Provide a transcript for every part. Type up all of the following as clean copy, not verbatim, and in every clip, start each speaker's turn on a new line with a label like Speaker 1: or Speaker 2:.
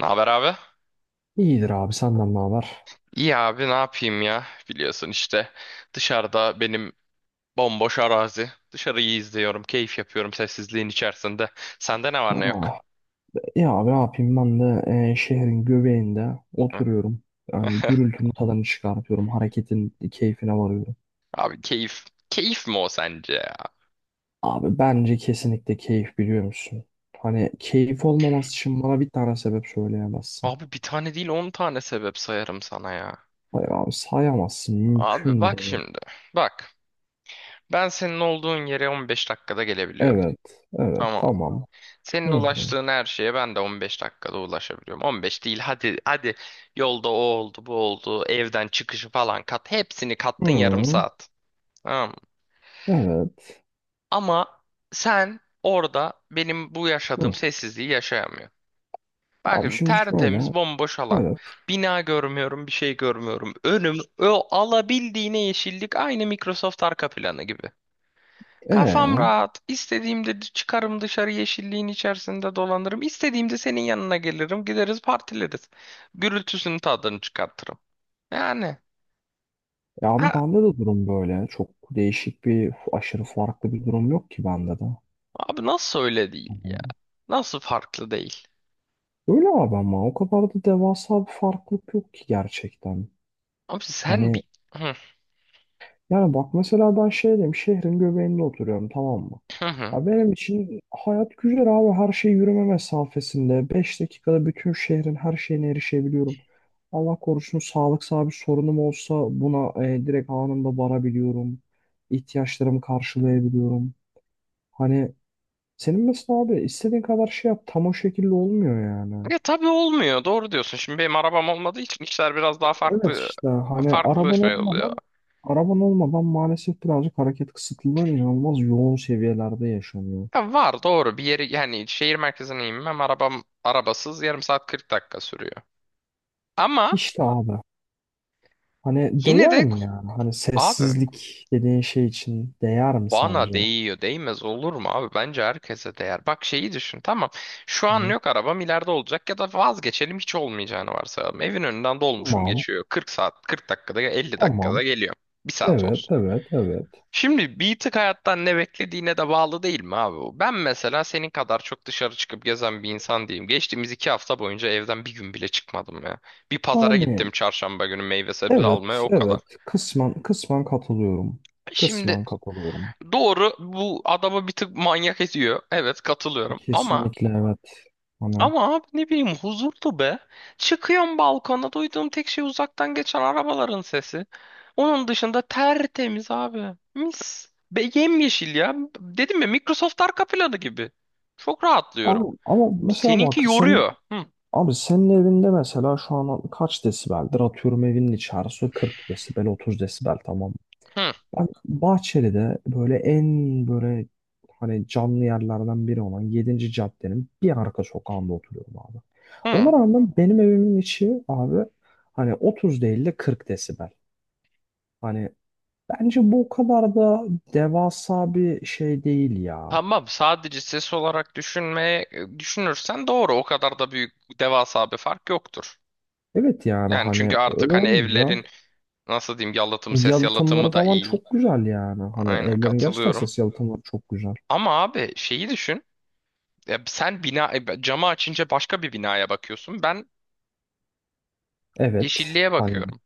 Speaker 1: Ne haber abi?
Speaker 2: İyidir abi senden ne haber?
Speaker 1: İyi abi ne yapayım ya? Biliyorsun işte dışarıda benim bomboş arazi. Dışarıyı izliyorum, keyif yapıyorum sessizliğin içerisinde. Sende ne var ne yok?
Speaker 2: Ah, ya abi ne yapayım ben de şehrin göbeğinde
Speaker 1: Hı.
Speaker 2: oturuyorum. Yani gürültünün tadını çıkartıyorum. Hareketin keyfine varıyorum.
Speaker 1: Abi keyif. Keyif mi o sence ya?
Speaker 2: Abi bence kesinlikle keyif, biliyor musun? Hani keyif olmaması için bana bir tane sebep söyleyemezsin.
Speaker 1: Abi bir tane değil 10 tane sebep sayarım sana ya.
Speaker 2: Hayır abi sayamazsın.
Speaker 1: Abi
Speaker 2: Mümkün
Speaker 1: bak
Speaker 2: bile değil.
Speaker 1: şimdi. Bak. Ben senin olduğun yere 15 dakikada gelebiliyorum.
Speaker 2: Evet. Evet,
Speaker 1: Tamam.
Speaker 2: tamam. Hı
Speaker 1: Senin
Speaker 2: hı.
Speaker 1: ulaştığın her şeye ben de 15 dakikada ulaşabiliyorum. 15 değil hadi hadi yolda o oldu bu oldu evden çıkışı falan kat hepsini kattın yarım
Speaker 2: Hı.
Speaker 1: saat. Tamam mı?
Speaker 2: Evet.
Speaker 1: Ama sen orada benim bu yaşadığım
Speaker 2: Hı.
Speaker 1: sessizliği yaşayamıyorsun. Bak
Speaker 2: Abi
Speaker 1: şimdi
Speaker 2: şimdi
Speaker 1: tertemiz
Speaker 2: şöyle.
Speaker 1: bomboş alan.
Speaker 2: Evet.
Speaker 1: Bina görmüyorum bir şey görmüyorum. Önüm o alabildiğine yeşillik aynı Microsoft arka planı gibi. Kafam
Speaker 2: Ee?
Speaker 1: rahat. İstediğimde çıkarım dışarı yeşilliğin içerisinde dolanırım. İstediğimde senin yanına gelirim. Gideriz partileriz. Gürültüsünün tadını çıkartırım. Yani
Speaker 2: Ya abi
Speaker 1: ha,
Speaker 2: bende de durum böyle. Çok değişik bir, aşırı farklı bir durum yok ki bende de.
Speaker 1: abi nasıl öyle değil
Speaker 2: Hani
Speaker 1: ya? Nasıl farklı değil?
Speaker 2: öyle abi ama o kadar da devasa bir farklılık yok ki gerçekten.
Speaker 1: Abi sen
Speaker 2: Hani
Speaker 1: bir... Hı,
Speaker 2: yani bak mesela ben şey diyeyim, şehrin göbeğinde oturuyorum, tamam mı?
Speaker 1: hı, hı.
Speaker 2: Ya benim için hayat güzel abi. Her şey yürüme mesafesinde. 5 dakikada bütün şehrin her şeyine erişebiliyorum. Allah korusun sağlıksal bir sorunum olsa buna direkt anında varabiliyorum. İhtiyaçlarımı karşılayabiliyorum. Hani senin mesela abi istediğin kadar şey yap tam o şekilde olmuyor yani.
Speaker 1: Ya tabii olmuyor. Doğru diyorsun. Şimdi benim arabam olmadığı için işler biraz daha
Speaker 2: Evet
Speaker 1: farklı
Speaker 2: işte hani
Speaker 1: farklı
Speaker 2: araban
Speaker 1: şey oluyor.
Speaker 2: olmadan araban olmadan maalesef birazcık hareket kısıtlılığın inanılmaz yoğun seviyelerde yaşanıyor.
Speaker 1: Ya var doğru bir yeri yani şehir merkezine inmem arabasız yarım saat 40 dakika sürüyor. Ama
Speaker 2: İşte abi hani
Speaker 1: yine
Speaker 2: değer
Speaker 1: de
Speaker 2: mi
Speaker 1: ko-
Speaker 2: yani? Hani
Speaker 1: abi
Speaker 2: sessizlik dediğin şey için değer mi
Speaker 1: bana
Speaker 2: sence?
Speaker 1: değiyor, değmez olur mu abi? Bence herkese değer. Bak şeyi düşün, tamam. Şu an
Speaker 2: Hı.
Speaker 1: yok arabam ileride olacak ya da vazgeçelim hiç olmayacağını varsayalım. Evin önünden dolmuşum
Speaker 2: Tamam,
Speaker 1: geçiyor. 40 saat, 40 dakikada, 50 dakikada
Speaker 2: tamam.
Speaker 1: geliyor. Bir saat
Speaker 2: Evet,
Speaker 1: olsun.
Speaker 2: evet, evet.
Speaker 1: Şimdi bir tık hayattan ne beklediğine de bağlı değil mi abi? Ben mesela senin kadar çok dışarı çıkıp gezen bir insan değilim. Geçtiğimiz iki hafta boyunca evden bir gün bile çıkmadım ya. Bir pazara
Speaker 2: Yani
Speaker 1: gittim çarşamba günü meyve sebze
Speaker 2: evet,
Speaker 1: almaya o kadar.
Speaker 2: evet. Kısmen, kısmen katılıyorum. Kısmen
Speaker 1: Şimdi
Speaker 2: katılıyorum.
Speaker 1: Doğru bu adamı bir tık manyak ediyor. Evet katılıyorum. Ama
Speaker 2: Kesinlikle evet. Hani
Speaker 1: ama abi ne bileyim huzurlu be. Çıkıyorum balkona duyduğum tek şey uzaktan geçen arabaların sesi. Onun dışında tertemiz abi. Mis. Be yemyeşil ya. Dedim ya Microsoft arka planı gibi. Çok rahatlıyorum.
Speaker 2: abi, ama mesela
Speaker 1: Seninki
Speaker 2: bak sen,
Speaker 1: yoruyor. Hı,
Speaker 2: abi senin evinde mesela şu an kaç desibeldir? Atıyorum evinin içerisi 40 desibel, 30 desibel, tamam mı?
Speaker 1: hı,
Speaker 2: Ben Bahçeli'de böyle, en böyle hani canlı yerlerden biri olan yedinci caddenin bir arka sokağında oturuyorum abi. Ona
Speaker 1: hı.
Speaker 2: rağmen benim evimin içi abi hani 30 değil de 40 desibel. Hani bence bu o kadar da devasa bir şey değil ya.
Speaker 1: Tamam sadece ses olarak düşünürsen doğru o kadar da büyük devasa bir fark yoktur.
Speaker 2: Evet yani
Speaker 1: Yani çünkü
Speaker 2: hani
Speaker 1: artık
Speaker 2: öyle
Speaker 1: hani
Speaker 2: olunca
Speaker 1: evlerin nasıl diyeyim yalıtımı ses
Speaker 2: yalıtımları
Speaker 1: yalıtımı da
Speaker 2: falan
Speaker 1: iyi.
Speaker 2: çok güzel yani. Hani
Speaker 1: Aynen
Speaker 2: evlerin gerçekten
Speaker 1: katılıyorum.
Speaker 2: ses yalıtımları çok güzel.
Speaker 1: Ama abi şeyi düşün. Ya sen camı açınca başka bir binaya bakıyorsun. Ben
Speaker 2: Evet.
Speaker 1: yeşilliğe
Speaker 2: Hani
Speaker 1: bakıyorum.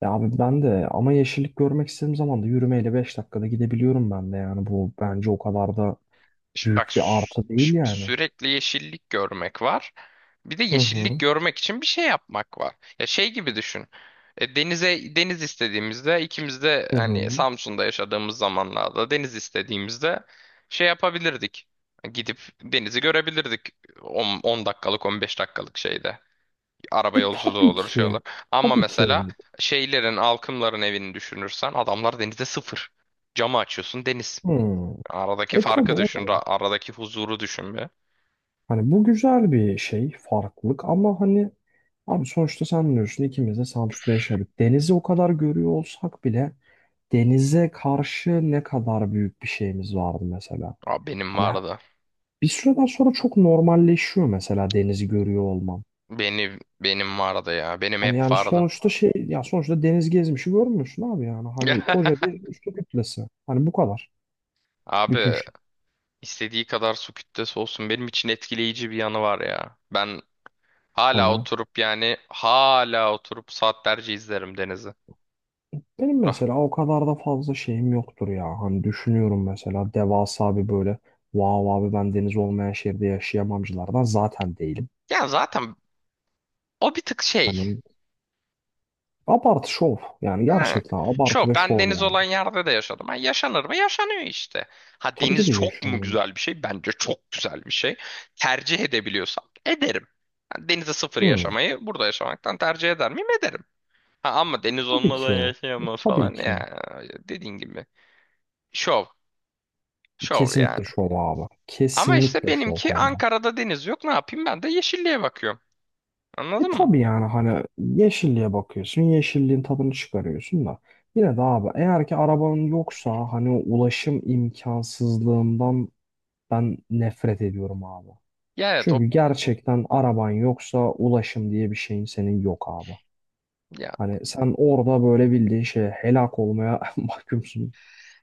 Speaker 2: ya abi ben de ama yeşillik görmek istediğim zaman da yürümeyle 5 dakikada gidebiliyorum ben de yani. Bu bence o kadar da
Speaker 1: Şimdi bak
Speaker 2: büyük bir artı değil
Speaker 1: şimdi
Speaker 2: yani.
Speaker 1: sürekli yeşillik görmek var. Bir de
Speaker 2: Hı hı.
Speaker 1: yeşillik görmek için bir şey yapmak var. Ya şey gibi düşün. Deniz istediğimizde ikimiz de
Speaker 2: Hı
Speaker 1: hani
Speaker 2: hı.
Speaker 1: Samsun'da yaşadığımız zamanlarda deniz istediğimizde şey yapabilirdik. Gidip denizi görebilirdik. 10 dakikalık 15 dakikalık şeyde. Araba
Speaker 2: E,
Speaker 1: yolculuğu
Speaker 2: tabii
Speaker 1: olur şey
Speaker 2: ki.
Speaker 1: olur. Ama
Speaker 2: Tabii ki
Speaker 1: mesela
Speaker 2: evet.
Speaker 1: halkımların evini düşünürsen adamlar denize sıfır. Camı açıyorsun deniz.
Speaker 2: Hmm.
Speaker 1: Aradaki
Speaker 2: E, tabii
Speaker 1: farkı
Speaker 2: o da
Speaker 1: düşün.
Speaker 2: var.
Speaker 1: Aradaki huzuru düşün be.
Speaker 2: Hani bu güzel bir şey, farklılık, ama hani abi sonuçta sen biliyorsun, ikimiz de Samsun'da yaşadık. Denizi o kadar görüyor olsak bile denize karşı ne kadar büyük bir şeyimiz vardı mesela.
Speaker 1: Abi benim
Speaker 2: Hani
Speaker 1: vardı.
Speaker 2: bir süreden sonra çok normalleşiyor mesela denizi görüyor olman.
Speaker 1: Benim vardı ya. Benim
Speaker 2: Hani
Speaker 1: hep
Speaker 2: yani
Speaker 1: vardı.
Speaker 2: sonuçta şey ya, sonuçta deniz, gezmişi görmüyorsun abi yani. Hani koca bir su kütlesi. Hani bu kadar. Bütün
Speaker 1: Abi
Speaker 2: şey.
Speaker 1: istediği kadar su kütlesi olsun. Benim için etkileyici bir yanı var ya. Ben
Speaker 2: Hani
Speaker 1: hala
Speaker 2: ya,
Speaker 1: oturup hala oturup saatlerce izlerim denizi.
Speaker 2: benim
Speaker 1: Rah-
Speaker 2: mesela o kadar da fazla şeyim yoktur ya. Hani düşünüyorum mesela devasa bir böyle vav, abi ben deniz olmayan şehirde yaşayamamcılardan zaten değilim.
Speaker 1: Ya zaten o bir tık şey.
Speaker 2: Hani abartı şov. Yani
Speaker 1: Ha.
Speaker 2: gerçekten abartı
Speaker 1: Şu
Speaker 2: ve
Speaker 1: ben
Speaker 2: şov
Speaker 1: deniz
Speaker 2: yani.
Speaker 1: olan yerde de yaşadım. Ha, yaşanır mı? Yaşanıyor işte. Ha
Speaker 2: Tabii ki
Speaker 1: deniz
Speaker 2: de
Speaker 1: çok mu
Speaker 2: yaşıyorum.
Speaker 1: güzel bir şey? Bence çok güzel bir şey. Tercih edebiliyorsam ederim. Ha, denize sıfır
Speaker 2: Hmm,
Speaker 1: yaşamayı burada yaşamaktan tercih eder miyim? Ederim. Ha, ama deniz
Speaker 2: tabii
Speaker 1: olmadan
Speaker 2: ki.
Speaker 1: yaşayamam
Speaker 2: Tabii
Speaker 1: falan
Speaker 2: ki.
Speaker 1: ya. Dediğin gibi. Şov. Şov
Speaker 2: Kesinlikle
Speaker 1: yani.
Speaker 2: şov abi.
Speaker 1: Ama işte
Speaker 2: Kesinlikle şov,
Speaker 1: benimki
Speaker 2: hem de.
Speaker 1: Ankara'da deniz yok. Ne yapayım ben de yeşilliğe bakıyorum.
Speaker 2: E,
Speaker 1: Anladın mı?
Speaker 2: tabii yani hani yeşilliğe bakıyorsun. Yeşilliğin tadını çıkarıyorsun da. Yine de abi, eğer ki arabanın yoksa hani o ulaşım imkansızlığından ben nefret ediyorum abi.
Speaker 1: Ya evet
Speaker 2: Çünkü
Speaker 1: o
Speaker 2: gerçekten araban yoksa ulaşım diye bir şeyin senin yok abi.
Speaker 1: ya.
Speaker 2: Hani sen orada böyle bildiğin şeye helak olmaya mahkumsun.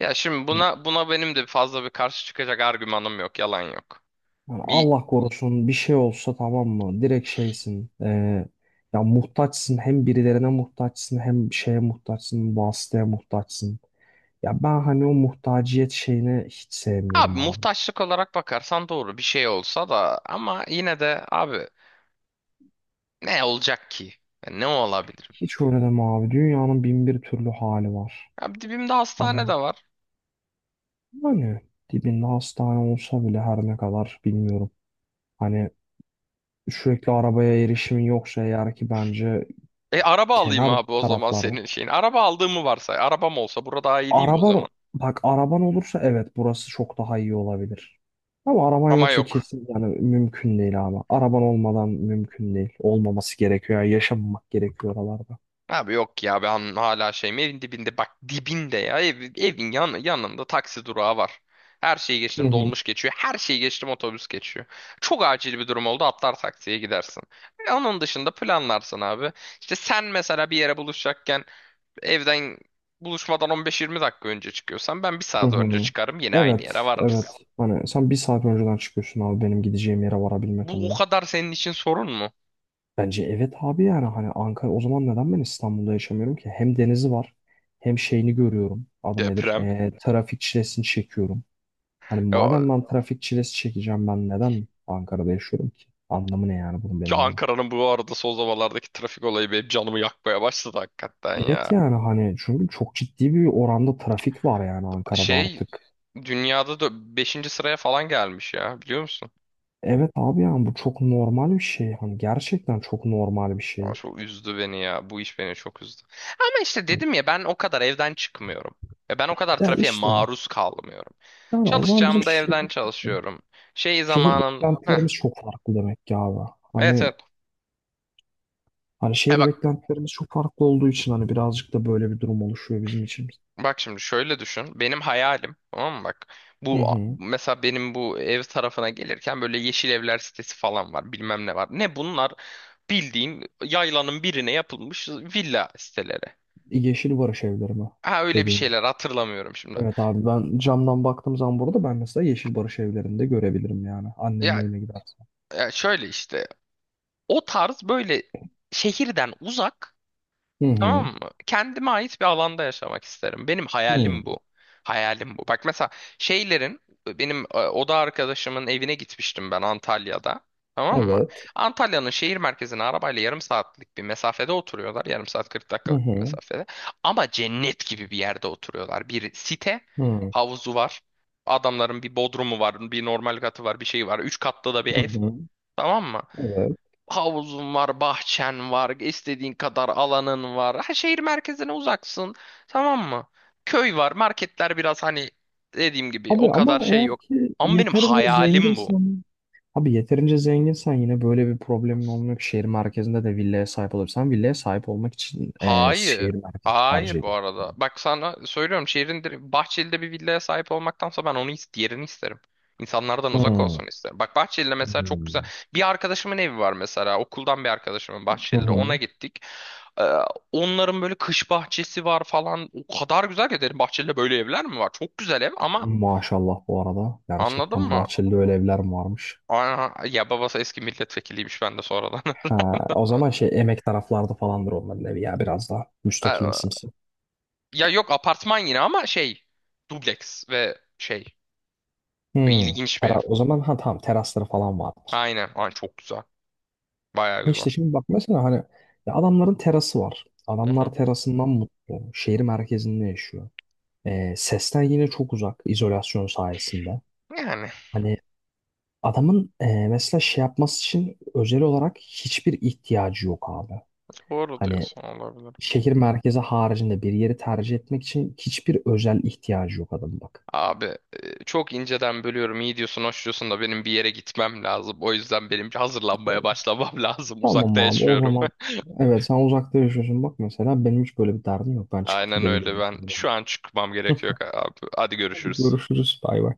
Speaker 1: Ya şimdi buna benim de fazla bir karşı çıkacak argümanım yok. Yalan yok.
Speaker 2: Yani
Speaker 1: Bir
Speaker 2: Allah korusun bir şey olsa, tamam mı? Direkt şeysin. Ya muhtaçsın, hem birilerine muhtaçsın, hem şeye muhtaçsın, vasıtaya muhtaçsın. Ya ben hani o muhtaciyet şeyini hiç
Speaker 1: abi
Speaker 2: sevmiyorum abi.
Speaker 1: muhtaçlık olarak bakarsan doğru bir şey olsa da ama yine de abi ne olacak ki? Yani ne olabilir?
Speaker 2: Hiç öyle deme abi. Dünyanın bin bir türlü hali var.
Speaker 1: Abi dibimde
Speaker 2: Hani
Speaker 1: hastane de var.
Speaker 2: hani dibinde hastane olsa bile, her ne kadar bilmiyorum. Hani sürekli arabaya erişimin yoksa eğer ki bence
Speaker 1: E araba alayım
Speaker 2: kenar
Speaker 1: abi o zaman
Speaker 2: taraflarda,
Speaker 1: senin şeyin. Araba aldığımı varsay. Arabam olsa burada daha iyi değil mi o
Speaker 2: araban,
Speaker 1: zaman?
Speaker 2: bak araban olursa evet, burası çok daha iyi olabilir. Ama araban
Speaker 1: Ama
Speaker 2: yoksa
Speaker 1: yok.
Speaker 2: kesin yani mümkün değil abi. Araban olmadan mümkün değil. Olmaması gerekiyor. Yani yaşamamak gerekiyor oralarda.
Speaker 1: Abi yok ya ben hala şeyim evin dibinde bak dibinde ya evin yanında taksi durağı var. Her şeyi
Speaker 2: Hı
Speaker 1: geçtim
Speaker 2: hı.
Speaker 1: dolmuş geçiyor. Her şeyi geçtim otobüs geçiyor. Çok acil bir durum oldu atlar taksiye gidersin. Onun dışında planlarsın abi. İşte sen mesela bir yere buluşacakken evden buluşmadan 15-20 dakika önce çıkıyorsan ben bir
Speaker 2: Hı
Speaker 1: saat önce
Speaker 2: hı.
Speaker 1: çıkarım yine aynı yere
Speaker 2: Evet, evet.
Speaker 1: varırız.
Speaker 2: Hani sen bir saat önceden çıkıyorsun abi benim gideceğim yere varabilmek
Speaker 1: Bu o
Speaker 2: adına.
Speaker 1: kadar senin için sorun mu?
Speaker 2: Bence evet abi, yani hani Ankara, o zaman neden ben İstanbul'da yaşamıyorum ki? Hem denizi var, hem şeyini görüyorum. Adı nedir?
Speaker 1: Deprem.
Speaker 2: Trafik çilesini çekiyorum. Hani
Speaker 1: Ya,
Speaker 2: madem ben trafik çilesi çekeceğim, ben neden Ankara'da yaşıyorum ki? Anlamı ne yani bunun
Speaker 1: ki
Speaker 2: benim adıma?
Speaker 1: Ankara'nın bu arada son zamanlardaki trafik olayı benim canımı yakmaya başladı hakikaten
Speaker 2: Evet
Speaker 1: ya.
Speaker 2: yani hani çünkü çok ciddi bir oranda trafik var yani Ankara'da
Speaker 1: Şey
Speaker 2: artık.
Speaker 1: dünyada da beşinci sıraya falan gelmiş ya biliyor musun?
Speaker 2: Evet abi yani bu çok normal bir şey. Hani gerçekten çok normal bir
Speaker 1: Aa,
Speaker 2: şey.
Speaker 1: çok üzdü beni ya. Bu iş beni çok üzdü. Ama işte
Speaker 2: Hani
Speaker 1: dedim ya ben o kadar evden çıkmıyorum. Ve ben o kadar
Speaker 2: ya
Speaker 1: trafiğe
Speaker 2: işte,
Speaker 1: maruz kalmıyorum.
Speaker 2: yani o zaman bizim
Speaker 1: Çalışacağımda
Speaker 2: şehir,
Speaker 1: evden
Speaker 2: işte
Speaker 1: çalışıyorum. Şey
Speaker 2: şehir
Speaker 1: zamanım... Heh,
Speaker 2: beklentilerimiz çok farklı demek ki abi.
Speaker 1: evet
Speaker 2: Hani
Speaker 1: evet.
Speaker 2: hani
Speaker 1: He
Speaker 2: şehir
Speaker 1: bak
Speaker 2: beklentilerimiz çok farklı olduğu için hani birazcık da böyle bir durum oluşuyor bizim için.
Speaker 1: bak şimdi şöyle düşün. Benim hayalim tamam mı bak.
Speaker 2: Hı
Speaker 1: Bu
Speaker 2: hı.
Speaker 1: mesela benim bu ev tarafına gelirken böyle yeşil evler sitesi falan var. Bilmem ne var. Ne bunlar? Bildiğin yaylanın birine yapılmış villa siteleri.
Speaker 2: Yeşil Barış evleri mi
Speaker 1: Ha öyle bir
Speaker 2: dediğin?
Speaker 1: şeyler hatırlamıyorum şimdi.
Speaker 2: Evet abi, ben camdan baktığım zaman burada ben mesela Yeşil Barış evlerinde görebilirim yani annemin
Speaker 1: Ya,
Speaker 2: evine gidersem.
Speaker 1: ya, şöyle işte o tarz böyle şehirden uzak
Speaker 2: Hı
Speaker 1: tamam
Speaker 2: hı.
Speaker 1: mı? Kendime ait bir alanda yaşamak isterim. Benim
Speaker 2: Hı.
Speaker 1: hayalim bu. Hayalim bu. Bak mesela şeylerin benim oda arkadaşımın evine gitmiştim ben Antalya'da. Tamam mı?
Speaker 2: Evet.
Speaker 1: Antalya'nın şehir merkezine arabayla yarım saatlik bir mesafede oturuyorlar. Yarım saat 40
Speaker 2: Hı
Speaker 1: dakikalık bir
Speaker 2: hı.
Speaker 1: mesafede. Ama cennet gibi bir yerde oturuyorlar. Bir site,
Speaker 2: Hı.
Speaker 1: havuzu var. Adamların bir bodrumu var, bir normal katı var, bir şey var. Üç katlı da bir
Speaker 2: Hı
Speaker 1: ev.
Speaker 2: hı.
Speaker 1: Tamam mı?
Speaker 2: Evet.
Speaker 1: Havuzun var, bahçen var, istediğin kadar alanın var. Ha, şehir merkezine uzaksın, tamam mı? Köy var, marketler biraz hani dediğim gibi
Speaker 2: Abi
Speaker 1: o kadar
Speaker 2: ama
Speaker 1: şey
Speaker 2: eğer
Speaker 1: yok.
Speaker 2: ki
Speaker 1: Ama benim
Speaker 2: yeterince
Speaker 1: hayalim bu.
Speaker 2: zenginsen, abi yeterince zenginsen yine böyle bir problemin olmuyor ki, şehir merkezinde de villaya sahip olursan, villaya sahip olmak için
Speaker 1: Hayır,
Speaker 2: şehir merkezi tercih
Speaker 1: hayır bu arada.
Speaker 2: ediyorsun.
Speaker 1: Bak sana söylüyorum Bahçeli'de bir villaya sahip olmaktansa ben diğerini isterim. İnsanlardan uzak
Speaker 2: Hı.
Speaker 1: olsun isterim. Bak Bahçeli'de mesela çok güzel.
Speaker 2: Hı.
Speaker 1: Bir arkadaşımın evi var mesela. Okuldan bir arkadaşımın
Speaker 2: Hı
Speaker 1: Bahçeli'de. Ona
Speaker 2: hı.
Speaker 1: gittik. Ee, onların böyle kış bahçesi var falan. O kadar güzel ki dedim bahçede böyle evler mi var? Çok güzel ev ama
Speaker 2: Maşallah bu arada.
Speaker 1: anladın
Speaker 2: Gerçekten
Speaker 1: mı?
Speaker 2: Bahçeli'de öyle evler mi varmış.
Speaker 1: Aa, ya babası eski milletvekiliymiş ben de sonradan.
Speaker 2: Ha, o zaman şey, emek taraflarda falandır onların evi ya, biraz daha
Speaker 1: Ee,
Speaker 2: müstakilimsimsi.
Speaker 1: ya yok apartman yine ama şey dubleks ve şey
Speaker 2: Hmm,
Speaker 1: ilginç bir ev.
Speaker 2: o zaman ha tamam, terasları falan vardır.
Speaker 1: Aynen. Ay, çok güzel. Bayağı
Speaker 2: E,
Speaker 1: güzel.
Speaker 2: İşte şimdi bak mesela hani ya, adamların terası var.
Speaker 1: Hı hı.
Speaker 2: Adamlar terasından mutlu. Şehir merkezinde yaşıyor. Sesten yine çok uzak izolasyon sayesinde.
Speaker 1: Yani
Speaker 2: Hani adamın mesela şey yapması için özel olarak hiçbir ihtiyacı yok abi.
Speaker 1: doğru
Speaker 2: Hani
Speaker 1: diyorsun olabilir.
Speaker 2: şehir merkezi haricinde bir yeri tercih etmek için hiçbir özel ihtiyacı yok adamın, bak.
Speaker 1: Abi çok inceden bölüyorum. İyi diyorsun, hoş diyorsun da benim bir yere gitmem lazım. O yüzden benim hazırlanmaya başlamam lazım. Uzakta
Speaker 2: Tamam abi, o
Speaker 1: yaşıyorum.
Speaker 2: zaman evet, sen uzakta yaşıyorsun, bak mesela benim hiç böyle bir derdim yok. Ben çıkıp
Speaker 1: Aynen öyle.
Speaker 2: gidebiliyorum.
Speaker 1: Ben şu an çıkmam gerekiyor abi. Hadi
Speaker 2: Hadi
Speaker 1: görüşürüz.
Speaker 2: görüşürüz, bay bay.